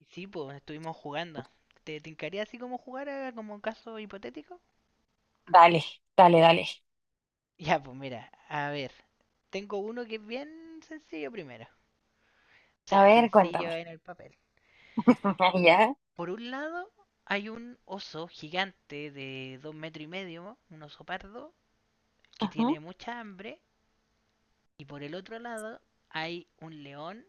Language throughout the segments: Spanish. Y sí, pues estuvimos jugando. ¿Te tincaría así como jugar como un caso hipotético? Dale, dale, dale. Ya, pues mira, a ver, tengo uno que es bien sencillo primero. O A sea, ver, cuéntame. sencillo en el papel. Ya. Por un lado, hay un oso gigante de dos metros y medio, un oso pardo, que Ajá. tiene mucha hambre. Y por el otro lado, hay un león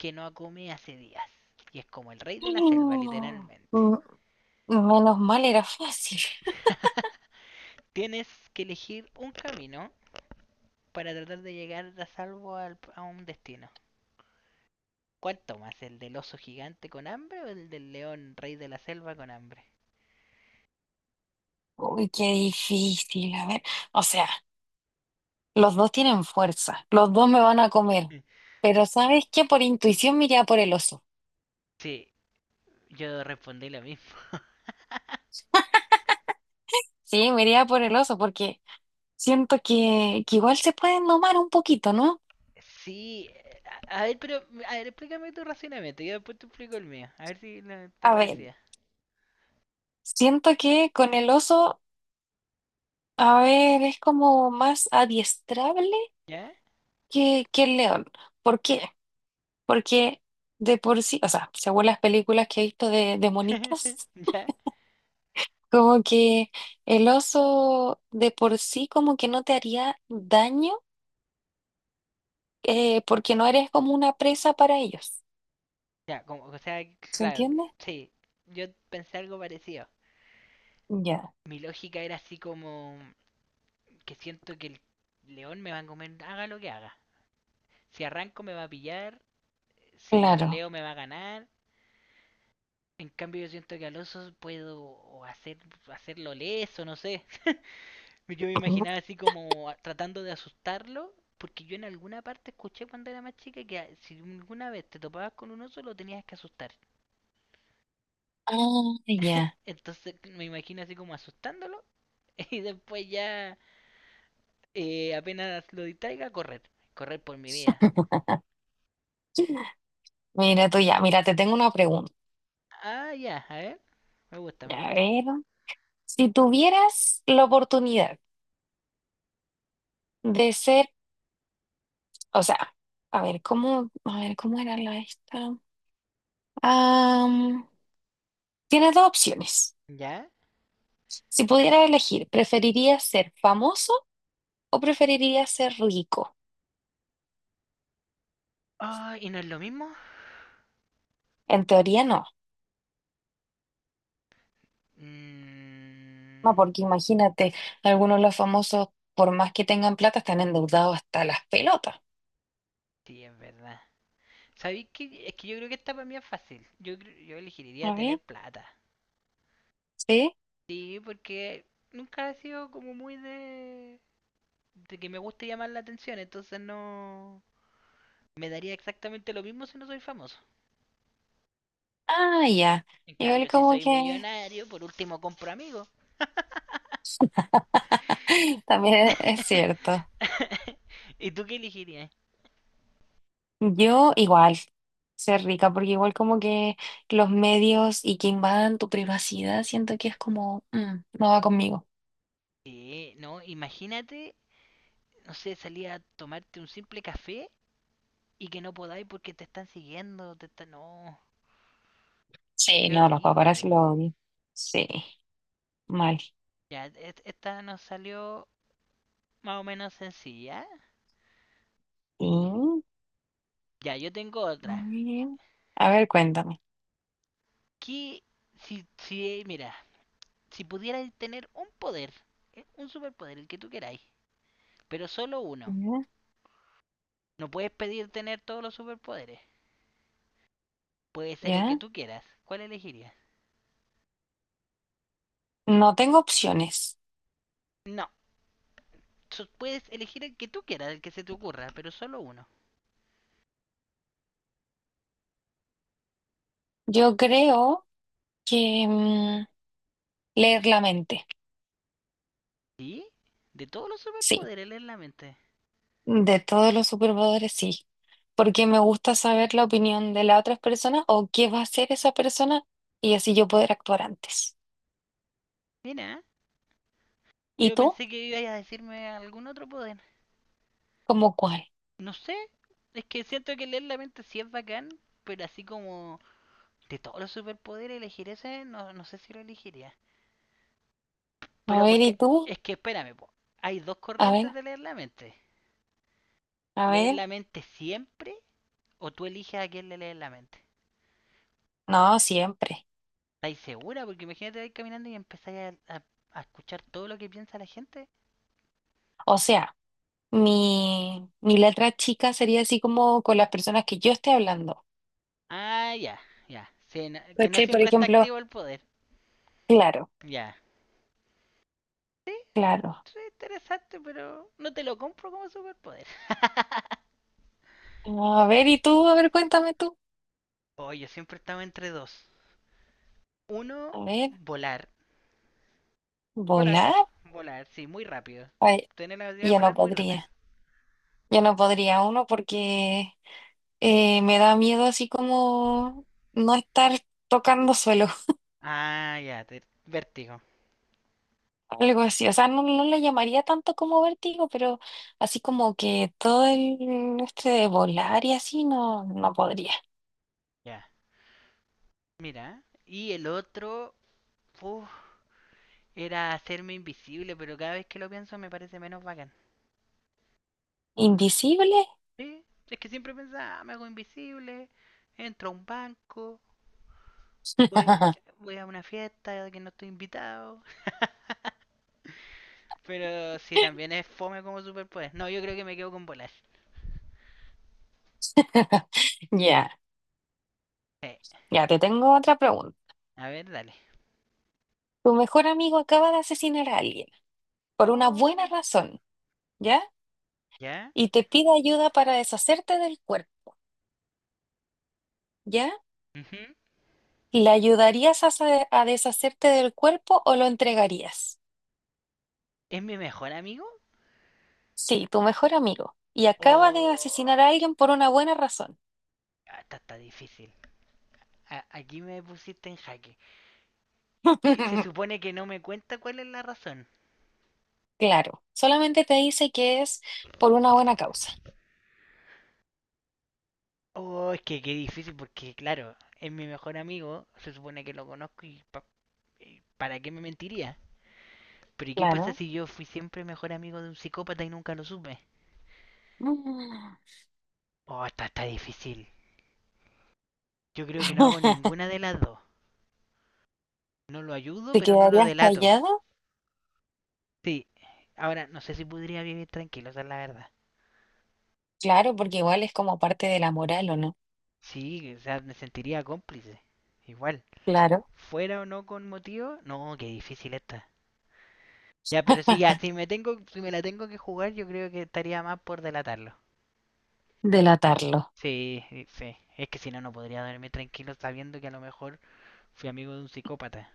que no come hace días. Y es como el rey de la selva, literalmente. Mm, menos mal era fácil. Tienes que elegir un camino para tratar de llegar a salvo a un destino. ¿Cuál tomas? ¿El del oso gigante con hambre o el del león rey de la selva con hambre? Uy, qué difícil. A ver, o sea, los dos tienen fuerza, los dos me van a comer, pero ¿sabes qué? Por intuición me iría por el oso. Sí, yo respondí lo mismo. Sí, me iría por el oso porque siento que igual se pueden domar un poquito, ¿no? Sí, a ver, pero a ver, explícame tu racionamiento, yo después te explico el mío, a ver si no está A ver, parecida. siento que con el oso, a ver, es como más adiestrable ¿Ya? que el león. ¿Por qué? Porque de por sí, o sea, según las películas que he visto de monitos, ¿Ya? como que el oso de por sí como que no te haría daño porque no eres como una presa para ellos. Ya, como, o sea, ¿Se claro, entiende? sí, yo pensé algo parecido. Ya, Mi lógica era así como que siento que el león me va a comer, haga lo que haga. Si arranco me va a pillar, si le claro. peleo me va a ganar. En cambio yo siento que al oso puedo hacer, hacerlo leso, no sé. Yo me Ujú. imaginaba así como tratando de asustarlo, porque yo en alguna parte escuché cuando era más chica que si alguna vez te topabas con un oso lo tenías que asustar. Ah, ya. Entonces me imagino así como asustándolo y después ya apenas lo distraiga, correr. Correr por mi vida. Mira tú ya, mira, te tengo una pregunta. Ah, ya, a ver. Me gusta, me A gusta. ver, si tuvieras la oportunidad de ser, o sea, a ver, cómo era la esta? Ah, tienes dos opciones. ¿Ya? Si pudieras elegir, ¿preferirías ser famoso o preferirías ser rico? Ah, ¿y no es lo mismo? En teoría no, no, Mm, porque imagínate, algunos de los famosos, por más que tengan plata, están endeudados hasta las pelotas. sí, es verdad. ¿Sabéis que es que yo creo que esta para mí es fácil? Yo, yo elegiría ¿A ver? tener plata. ¿Sí? Sí, porque nunca ha sido como muy de que me guste llamar la atención, entonces no... Me daría exactamente lo mismo si no soy famoso. Ah, ya. En Igual cambio, si como soy que millonario, por último compro amigos. también es cierto. ¿Y tú qué elegirías? Yo igual ser rica, porque igual como que los medios y que invadan tu privacidad, siento que es como, mm, no va conmigo. Sí, no, imagínate, no sé, salir a tomarte un simple café y que no podáis porque te están siguiendo, te están... No, Sí, qué no, los horrible. paparazzi lo odian. Sí, mal. Ya, esta nos salió más o menos sencilla. Sí, Ya, yo tengo otra. muy bien. A ver, cuéntame. ¿Qué, si, mira, si pudieras tener un poder, un superpoder, el que tú queráis, pero solo uno, Ya, no puedes pedir tener todos los superpoderes. Puede ser el que ya. tú quieras. ¿Cuál elegirías? No tengo opciones. No, puedes elegir el que tú quieras, el que se te ocurra, pero solo uno. Yo creo que leer la mente. ¿Sí? De todos los Sí, superpoderes leer la mente. de todos los superpoderes, sí. Porque me gusta saber la opinión de las otras personas o qué va a hacer esa persona y así yo poder actuar antes. Mira, ¿Y yo tú? pensé que ibas a decirme algún otro poder. ¿Cómo cuál? No sé, es que siento que leer la mente sí es bacán, pero así como de todos los superpoderes elegir ese, no, no sé si lo elegiría. A Pero ver, porque, ¿y tú? es que espérame, po, hay dos A corrientes ver, de leer la mente. a ¿Leer ver. la mente siempre o tú eliges a quién le lees la mente? No, siempre. ¿Estáis segura? Porque imagínate vais caminando y empezáis a escuchar todo lo que piensa la gente. O sea, mi letra chica sería así como con las personas que yo esté hablando. Ah, ya, ya. Sí, que no ¿Cachai? Por siempre está ejemplo, activo el poder. claro, Ya. claro. Sí, interesante, pero no te lo compro como superpoder. No, a ver, ¿y tú? A ver, cuéntame tú. Oye, yo siempre estaba entre dos. Uno, A ver, volar. Volar. ¿volar? Volar, sí, muy rápido. Ay, Tener la habilidad de yo no volar muy rápido. podría. Yo no podría uno porque me da miedo así como no estar tocando suelo, Ah, ya, vértigo. algo así. O sea, no, no le llamaría tanto como vértigo, pero así como que todo el este de volar y así no, no podría. Ya. Mira. Y el otro, uf, era hacerme invisible, pero cada vez que lo pienso me parece menos bacán. ¿Invisible? Sí, es que siempre pensaba, "Ah, me hago invisible, entro a un banco, voy, voy a una fiesta a la que no estoy invitado. Pero sí, también es fome como superpoder. No, yo creo que me quedo con volar. Ya, Sí. ya, te tengo otra pregunta. A ver, dale. Tu mejor amigo acaba de asesinar a alguien, por una buena Oh, razón, ¿ya? ¿ya? Y te pide ayuda para deshacerte del cuerpo, ¿ya? Ujú. ¿Le ayudarías a, sa- a deshacerte del cuerpo o lo entregarías? ¿Es mi mejor amigo? Sí, tu mejor amigo. Y acaba de ¿O...? asesinar a alguien por una buena razón. Ah, está, está difícil. Aquí me pusiste en jaque. Y se supone que no me cuenta cuál es la razón. Claro, solamente te dice que es por una buena causa. Oh, es que qué difícil porque, claro, es mi mejor amigo, se supone que lo conozco y, y ¿para qué me mentiría? Pero ¿y qué pasa Claro. si yo fui siempre mejor amigo de un psicópata y nunca lo supe? Mm. Oh, está, está difícil. Yo creo que no hago ninguna de las dos. No lo ayudo, ¿Te pero no lo quedarías delato. callado? Sí, ahora no sé si podría vivir tranquilo, esa es la verdad. Claro, porque igual es como parte de la moral, ¿o no? Sí, o sea, me sentiría cómplice. Igual. Claro. Fuera o no con motivo, no, qué difícil está. Ya, pero sí, ya, si me tengo, si me la tengo que jugar, yo creo que estaría más por delatarlo. Delatarlo. Sí, sí. Es que si no, no podría dormir tranquilo sabiendo que a lo mejor fui amigo de un psicópata.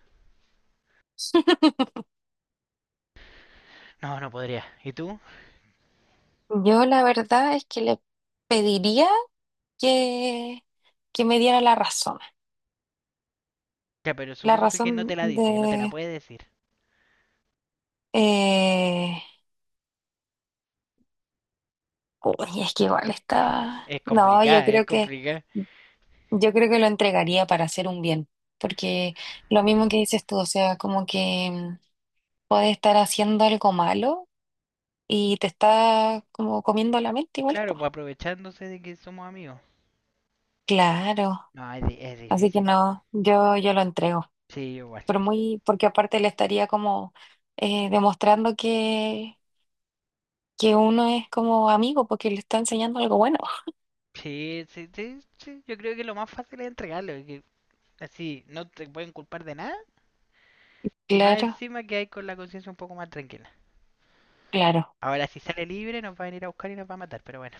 No, no podría. ¿Y tú? Yo la verdad es que le pediría que, que me diera la razón. Ya, pero La supongo que no razón te la dice, que no te la de... puede decir. eh, uy, es que igual está... Es No, complicada, es complicada. yo creo que lo entregaría para hacer un bien. Porque lo mismo que dices tú, o sea, como que mm, puedes estar haciendo algo malo y te está como comiendo la mente igual, Claro, pues. pues aprovechándose de que somos amigos. Claro. No, es, es Así que difícil. no, yo lo entrego, Sí, igual. pero muy, porque aparte le estaría como demostrando que uno es como amigo, porque le está enseñando algo bueno. Sí, sí, sí, sí, yo creo que lo más fácil es entregarlo, y que así no te pueden culpar de nada. Y más Claro, encima que hay con la conciencia un poco más tranquila. claro. Ahora, si sale libre, nos va a venir a buscar y nos va a matar. Pero bueno.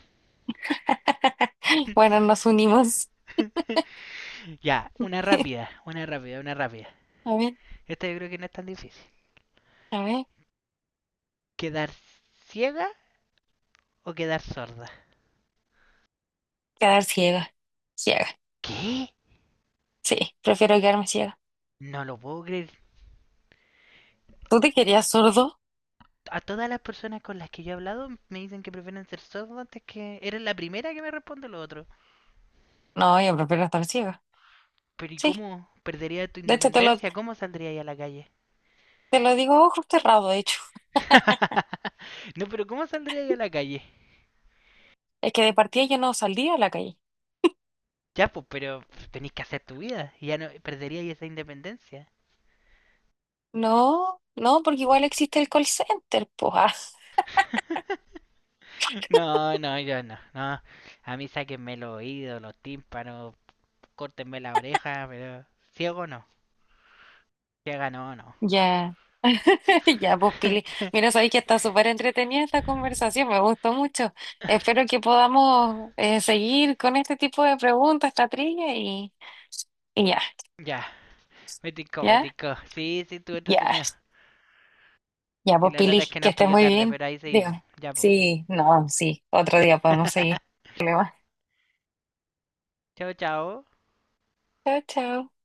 Bueno, nos unimos. Ya, una rápida, una rápida, una rápida. A ver, Esta yo creo que no es tan difícil. a ver. ¿Quedar ciega o quedar sorda? Quedar ciega. Ciega. ¿Qué? Sí, prefiero quedarme ciega. No lo puedo creer. ¿Tú te querías sordo? A todas las personas con las que yo he hablado me dicen que prefieren ser sordos antes que... Eres la primera que me responde lo otro. No, yo prefiero estar ciega. Pero ¿y Sí. cómo perdería tu De hecho, independencia? ¿Cómo saldría ahí a la calle? te lo digo a ojos cerrados, de hecho. No, pero ¿cómo saldría ahí a la calle? Es que de partida yo no saldría a la calle. Ya, pues, pero tenéis que hacer tu vida. Y ya no perderíais esa independencia. No, no, porque igual existe el call center, pues. Ah, No, no, yo no, no. A mí sáquenme los oídos, los tímpanos, córtenme la oreja, pero ciego no. Ciega no, no. ya. Ya, pues Pili, mira, sabéis que está súper entretenida esta conversación, me gustó mucho. Espero que podamos seguir con este tipo de preguntas, esta trilla y ya, Ya, me tincó, me ya, tincó. Sí, sí, estuvo ya, entretenido. ya, Y pues la lata Pili, es que que nos estés pilló muy tarde, bien. pero ahí seguimos. Dígame. Ya, pues. Sí, no, sí, otro día podemos seguir. Problema. Chao, chao. Chao, chao.